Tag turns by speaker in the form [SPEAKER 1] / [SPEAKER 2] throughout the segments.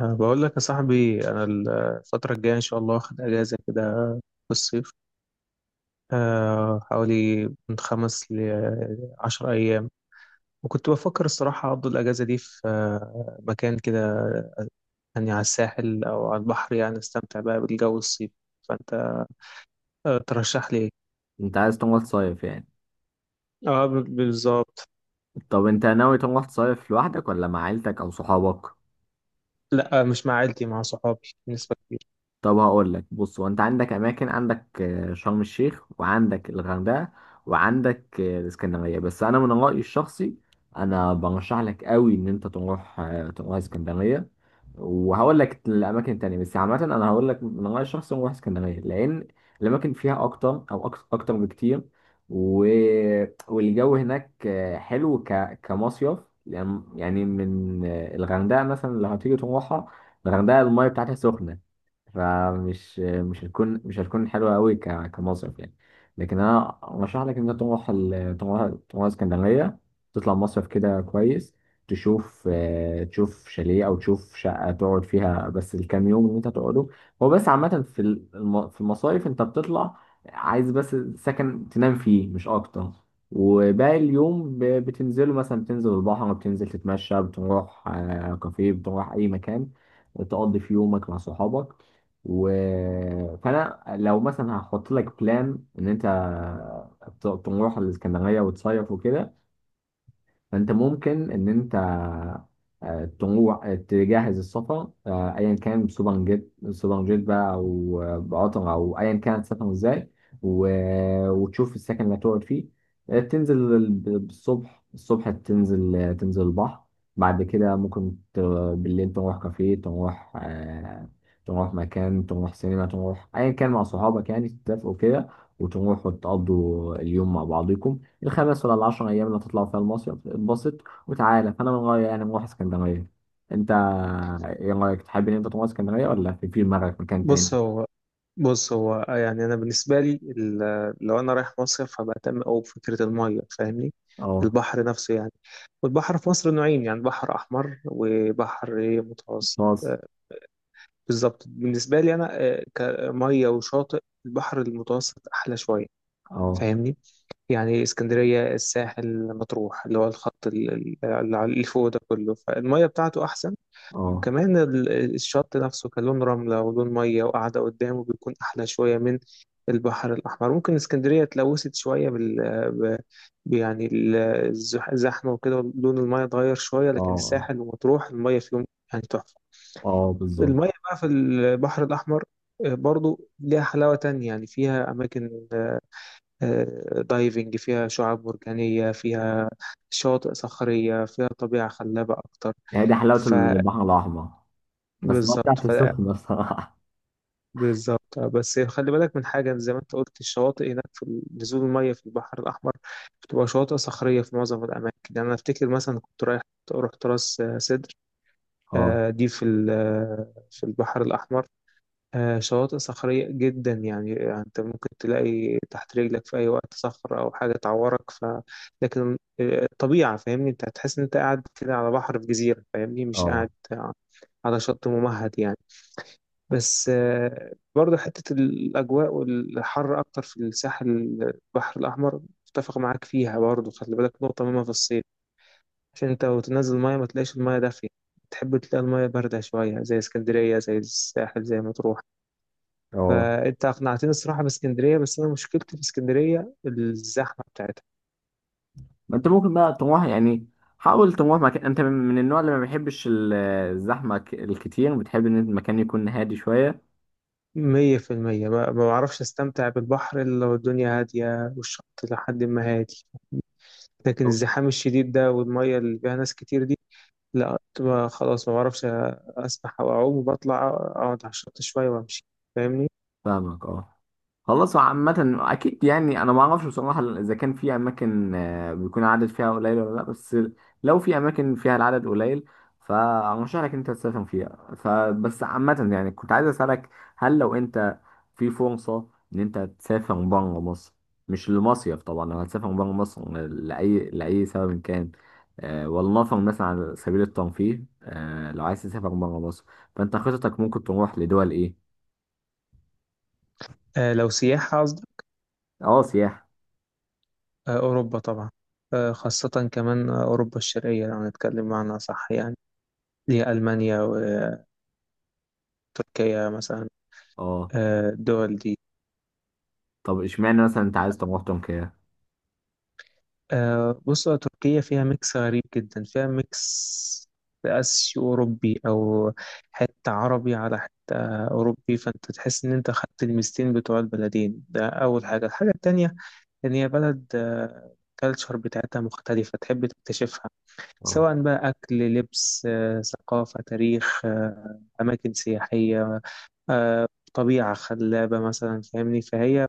[SPEAKER 1] بقول لك يا صاحبي، أنا الفترة الجاية إن شاء الله واخد أجازة كده في الصيف. حوالي من 5 ل10 أيام. وكنت بفكر الصراحة أقضي الأجازة دي في مكان كده، يعني على الساحل أو على البحر، يعني أستمتع بقى بالجو الصيفي. فأنت ترشح لي إيه؟
[SPEAKER 2] انت عايز تروح تصيف يعني.
[SPEAKER 1] آه، بالظبط.
[SPEAKER 2] طب انت ناوي تروح تصيف لوحدك ولا مع عيلتك او صحابك؟
[SPEAKER 1] لأ، مش مع عيلتي، مع صحابي نسبة كبيرة.
[SPEAKER 2] طب هقول لك، بص، هو انت عندك اماكن، عندك شرم الشيخ، وعندك الغردقه، وعندك الاسكندريه. بس انا من رايي الشخصي، انا برشح لك قوي ان انت تروح، اسكندريه. وهقول لك الاماكن التانيه، بس عامه انا هقول لك من رايي الشخصي نروح اسكندريه، لان الاماكن فيها اكتر، او اكتر بكتير. و... والجو هناك حلو كمصيف يعني. يعني من الغردقه مثلا لو هتيجي تروحها، الغردقه المايه بتاعتها سخنه، فمش مش هتكون مش هتكون حلوة قوي كمصيف يعني. لكن انا ارشح لك انك تروح ال- تروح تروح اسكندرية، تطلع مصيف كده كويس، تشوف تشوف شاليه او تشوف شقة تقعد فيها بس الكام يوم اللي انت هتقعده. هو بس عامة في المصايف انت بتطلع عايز بس سكن تنام فيه مش اكتر، وباقي اليوم بتنزله، مثلا بتنزل البحر، بتنزل تتمشى، بتروح كافيه، بتروح اي مكان تقضي في يومك مع صحابك. و... فانا لو مثلا هحط لك بلان ان انت تروح الاسكندريه وتصيف وكده، فانت ممكن ان انت تروح، تجهز السفر، ايا كان، بسوبر جيت سوبر جيت بقى، او بقطر، او ايا كان تسافر ازاي، وتشوف السكن اللي هتقعد فيه. الصبح، الصبح تنزل، تنزل البحر. بعد كده ممكن بالليل تروح كافيه، تروح مكان، تروح سينما، تروح ايا كان مع صحابك يعني، تتفقوا كده وتروحوا تقضوا اليوم مع بعضكم الخمس ولا العشر أيام اللي هتطلع فيها المصيف. اتبسط وتعالى. فأنا من رأيي يعني نروح اسكندرية. أنت إيه رأيك، تحب إن أنت تروح اسكندرية ولا في دماغك مكان
[SPEAKER 1] بص
[SPEAKER 2] تاني؟
[SPEAKER 1] هو بص هو يعني انا بالنسبه لي لو انا رايح مصيف فبهتم قوي بفكره الميه، فاهمني؟
[SPEAKER 2] أه.
[SPEAKER 1] البحر نفسه يعني. والبحر في مصر نوعين، يعني بحر احمر وبحر إيه متوسط
[SPEAKER 2] خلاص.
[SPEAKER 1] آه، بالظبط، بالنسبه لي انا كميه وشاطئ، البحر المتوسط احلى شويه.
[SPEAKER 2] أه.
[SPEAKER 1] فاهمني؟ يعني اسكندريه، الساحل، مطروح، اللي هو الخط اللي فوق ده كله، فالميه بتاعته احسن.
[SPEAKER 2] أه.
[SPEAKER 1] وكمان الشط نفسه، كان لون رملة ولون مية وقاعدة قدامه، بيكون أحلى شوية من البحر الأحمر. ممكن اسكندرية اتلوثت شوية ب... يعني الزحمة وكده، لون المية اتغير شوية،
[SPEAKER 2] أه.
[SPEAKER 1] لكن
[SPEAKER 2] أه.
[SPEAKER 1] الساحل ومطروح المية فيهم يعني تحفة.
[SPEAKER 2] أه بالظبط.
[SPEAKER 1] المية بقى في البحر الأحمر برضو ليها حلاوة تانية، يعني فيها أماكن دايفنج، فيها شعاب مرجانية، فيها شواطئ صخرية، فيها طبيعة خلابة أكتر.
[SPEAKER 2] هي دي حلاوة البحر الأحمر، بس ما
[SPEAKER 1] فبالظبط.
[SPEAKER 2] بتاعت السخنة الصراحة.
[SPEAKER 1] بالظبط، بس خلي بالك من حاجة. زي ما انت قلت، الشواطئ هناك في نزول المية في البحر الأحمر بتبقى شواطئ صخرية في معظم الأماكن. يعني أنا أفتكر مثلا كنت رايح رحت راس سدر.
[SPEAKER 2] أه.
[SPEAKER 1] دي في في البحر الأحمر. شواطئ صخرية جدا، يعني أنت ممكن تلاقي تحت رجلك في أي وقت صخر أو حاجة تعورك. لكن الطبيعة، فاهمني؟ أنت هتحس إن أنت قاعد كده على بحر في جزيرة، فاهمني؟ مش قاعد
[SPEAKER 2] أه.
[SPEAKER 1] على شط ممهد يعني. بس برضه حتة الأجواء والحر أكتر في الساحل، البحر الأحمر. متفق معاك فيها. برضه خلي بالك نقطة مهمة في الصيف، عشان أنت وتنزل المية ما تلاقيش المية دافية، تحب تلاقي المية باردة شوية زي اسكندرية، زي الساحل، زي مطروح.
[SPEAKER 2] أه.
[SPEAKER 1] فأنت أقنعتني الصراحة باسكندرية، بس أنا مشكلتي في اسكندرية الزحمة بتاعتها.
[SPEAKER 2] ما أنت ممكن بقى تروح يعني، حاول تروح مكان، أنت من النوع اللي ما بيحبش الزحمة الكتير، بتحب إن المكان يكون هادي شوية.
[SPEAKER 1] 100%، ما بعرفش أستمتع بالبحر إلا لو الدنيا هادية والشط لحد ما هادي. لكن الزحام الشديد ده والمية اللي فيها ناس كتير، لا، كنت بقى خلاص ما بعرفش أسبح أو أعوم، وبطلع أقعد على الشط شوية وأمشي، فاهمني؟
[SPEAKER 2] فاهمك اه. خلاص، عامة أكيد يعني، أنا ما أعرفش بصراحة إذا كان في أماكن بيكون العدد فيها قليل ولا لأ، بس لو في أماكن فيها العدد قليل فأرشح لك أنت تسافر فيها. فبس عامة يعني، كنت عايز أسألك، هل لو أنت في فرصة إن أنت تسافر بره مصر، مش لمصيف طبعا، لو هتسافر بره مصر لأي سبب كان، ولنفرض مثلا على سبيل الترفيه، لو عايز تسافر بره مصر، فأنت خطتك ممكن تروح لدول إيه؟
[SPEAKER 1] آه، لو سياحة قصدك.
[SPEAKER 2] أه سياحة.
[SPEAKER 1] آه، أوروبا طبعا. آه، خاصة كمان أوروبا الشرقية، لو هنتكلم معنى صح يعني، اللي هي ألمانيا وتركيا مثلا.
[SPEAKER 2] أه.
[SPEAKER 1] آه، الدول دي.
[SPEAKER 2] طب اشمعنى مثلا انت عايز طماطم تركيا؟
[SPEAKER 1] آه، بص، تركيا فيها ميكس غريب جدا، فيها ميكس آسيوي أوروبي، أو حتة عربي على حتة أوروبي. فأنت تحس إن أنت خدت الميزتين بتوع البلدين ده، أول حاجة. الحاجة التانية، لأن هي بلد الكالتشر بتاعتها مختلفة، تحب تكتشفها،
[SPEAKER 2] اه.
[SPEAKER 1] سواء بقى أكل، لبس، ثقافة، تاريخ، أماكن سياحية، آه، طبيعة خلابة مثلا، فاهمني؟ فهي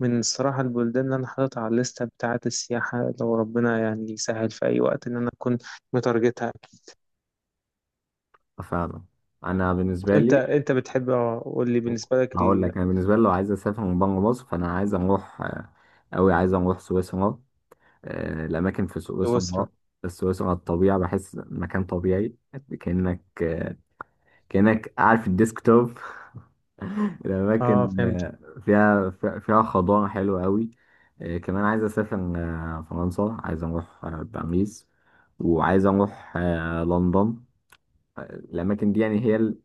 [SPEAKER 1] من الصراحة البلدان اللي أنا حاططها على الليستة بتاعة السياحة، لو ربنا يعني يسهل في أي وقت إن أنا أكون متارجتها.
[SPEAKER 2] فعلا. انا بالنسبه
[SPEAKER 1] أنت
[SPEAKER 2] لي،
[SPEAKER 1] أنت بتحب، قول لي بالنسبة لك
[SPEAKER 2] هقول لك انا بالنسبه لي، لو عايز اسافر من بره مصر، فانا عايز اروح قوي، عايز اروح سويسرا. الاماكن في
[SPEAKER 1] سويسرا.
[SPEAKER 2] سويسرا، سويسرا الطبيعه، بحس مكان طبيعي كانك كانك قاعد في الديسكتوب.
[SPEAKER 1] أه،
[SPEAKER 2] الاماكن
[SPEAKER 1] فهمت.
[SPEAKER 2] فيها، فيها خضار حلو قوي. كمان عايز اسافر فرنسا، عايز اروح باريس، وعايز اروح لندن. الأماكن دي يعني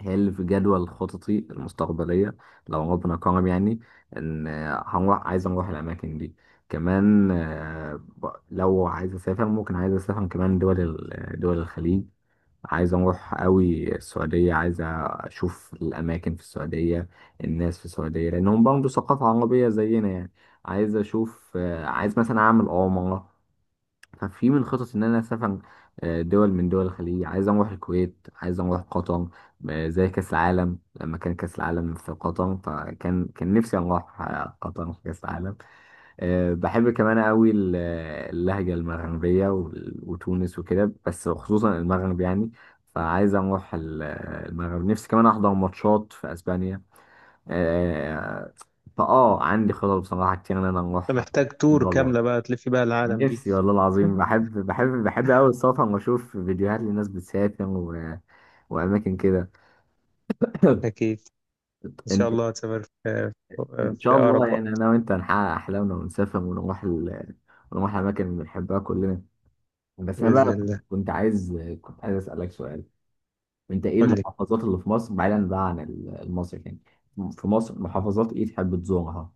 [SPEAKER 2] هي اللي في جدول خططي المستقبلية، لو ربنا كرم يعني، إن هنروح، عايز أروح الأماكن دي. كمان لو عايز أسافر، ممكن عايز أسافر كمان دول الخليج. عايز أروح أوي السعودية، عايز أشوف الأماكن في السعودية، الناس في السعودية، لأنهم برضه ثقافة عربية زينا يعني. عايز أشوف، عايز مثلا أعمل عمرة. ففي من خطط ان انا اسافر دول من دول الخليج. عايز اروح الكويت، عايز اروح قطر، زي كاس العالم. لما كان كاس العالم في قطر، فكان نفسي اروح قطر في كاس العالم. بحب كمان قوي اللهجه المغربيه وتونس وكده، بس خصوصا المغرب يعني. فعايز اروح المغرب. نفسي كمان احضر ماتشات في اسبانيا. آه، فاه عندي خطط بصراحه كتير ان انا
[SPEAKER 1] أنت
[SPEAKER 2] اروح
[SPEAKER 1] محتاج تور
[SPEAKER 2] دول بره.
[SPEAKER 1] كاملة بقى، تلف بقى العالم دي.
[SPEAKER 2] نفسي، والله العظيم، بحب أوي السفر، وأشوف فيديوهات لناس بتسافر وأماكن كده.
[SPEAKER 1] أكيد. إن شاء
[SPEAKER 2] أنت،
[SPEAKER 1] الله هتسافر في،
[SPEAKER 2] إن
[SPEAKER 1] في
[SPEAKER 2] شاء الله
[SPEAKER 1] أقرب
[SPEAKER 2] يعني،
[SPEAKER 1] وقت،
[SPEAKER 2] أنا وأنت هنحقق أحلامنا، ونسافر ونروح الأماكن اللي بنحبها كلنا. بس أنا
[SPEAKER 1] بإذن
[SPEAKER 2] بقى
[SPEAKER 1] الله.
[SPEAKER 2] كنت عايز أسألك سؤال. أنت إيه
[SPEAKER 1] قول لي.
[SPEAKER 2] المحافظات اللي في مصر بعيدا بقى عن المصري يعني، في مصر، محافظات إيه تحب تزورها؟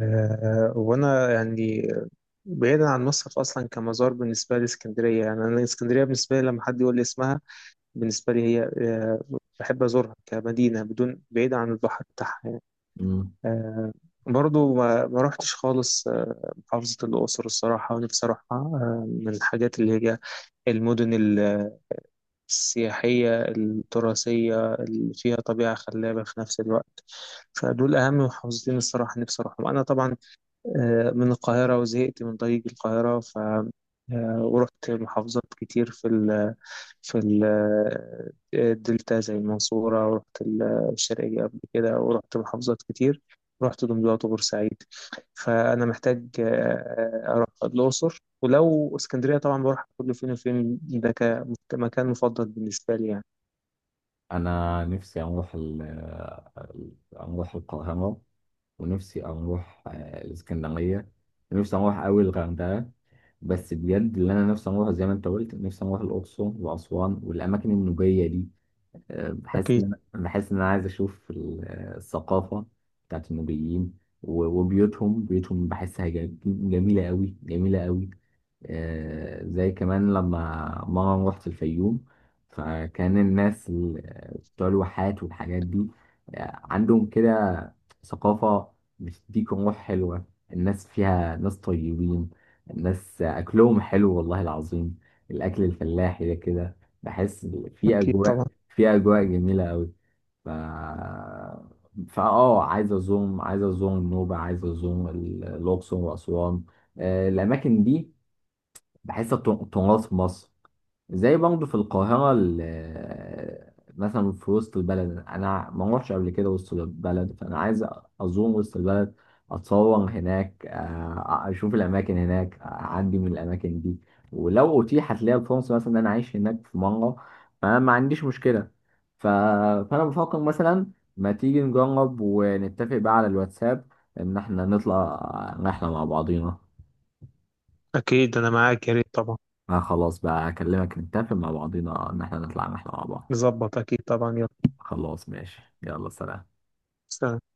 [SPEAKER 1] وأنا يعني، بعيدا عن مصر أصلا، كمزار بالنسبة لي اسكندرية. يعني أنا اسكندرية بالنسبة لي لما حد يقول لي اسمها، بالنسبة لي هي، بحب أزورها كمدينة، بدون، بعيدا عن البحر بتاعها يعني.
[SPEAKER 2] مم.
[SPEAKER 1] آه، برضو ما روحتش خالص، محافظة الأقصر الصراحة، ونفسي أروحها، من الحاجات اللي هي المدن السياحية التراثية اللي فيها طبيعة خلابة في نفس الوقت. فدول أهم محافظتين الصراحة نفسي أروحهم، أنا طبعا من القاهرة وزهقت من طريق القاهرة، ف ورحت محافظات كتير في الدلتا زي المنصورة، ورحت الشرقية قبل كده، ورحت محافظات كتير، رحت دمياط وبورسعيد. فأنا محتاج أروح الأقصر، ولو اسكندرية طبعا بروح كل فين وفين ده كمكان مفضل بالنسبة لي يعني.
[SPEAKER 2] انا نفسي اروح القاهره، ونفسي اروح الاسكندريه، نفسي اروح قوي الغردقه. بس بجد اللي انا نفسي اروح، زي ما انت قلت، نفسي اروح الاقصر واسوان والاماكن النوبيه دي. بحس
[SPEAKER 1] أكيد.
[SPEAKER 2] ان انا، بحس ان انا عايز اشوف الثقافه بتاعت النوبيين، و- وبيوتهم بيوتهم بحسها جميله قوي، جميله قوي. زي كمان لما مرة رحت الفيوم، فكان الناس بتوع الواحات والحاجات دي، عندهم كده ثقافة بتديك روح حلوة. الناس فيها ناس طيبين، الناس أكلهم حلو والله العظيم، الأكل الفلاحي ده كده، بحس في
[SPEAKER 1] أكيد طبعا.
[SPEAKER 2] أجواء، في أجواء جميلة أوي. ف فأه عايز أزوم، عايز أزوم النوبة، عايز الأقصر وأسوان، الأماكن دي. بحس التراث في مصر، زي برضه في القاهرة، مثلا في وسط البلد، أنا ما روحش قبل كده وسط البلد، فأنا عايز أزور وسط البلد، أتصور هناك، أشوف الأماكن هناك، أعدي من الأماكن دي. ولو أتيحت لي الفرصة مثلا إن أنا أعيش هناك في مرة، فأنا ما عنديش مشكلة. ف... فأنا بفكر مثلا، ما تيجي نجرب ونتفق بقى على الواتساب، إن إحنا نطلع رحلة مع بعضينا.
[SPEAKER 1] أكيد أنا معاك، يا ريت طبعا.
[SPEAKER 2] ما خلاص بقى، اكلمك، نتفق مع بعضينا ان احنا نطلع رحلة مع بعض.
[SPEAKER 1] نظبط، أكيد طبعا، يلا.
[SPEAKER 2] خلاص ماشي، يلا سلام.
[SPEAKER 1] سلام.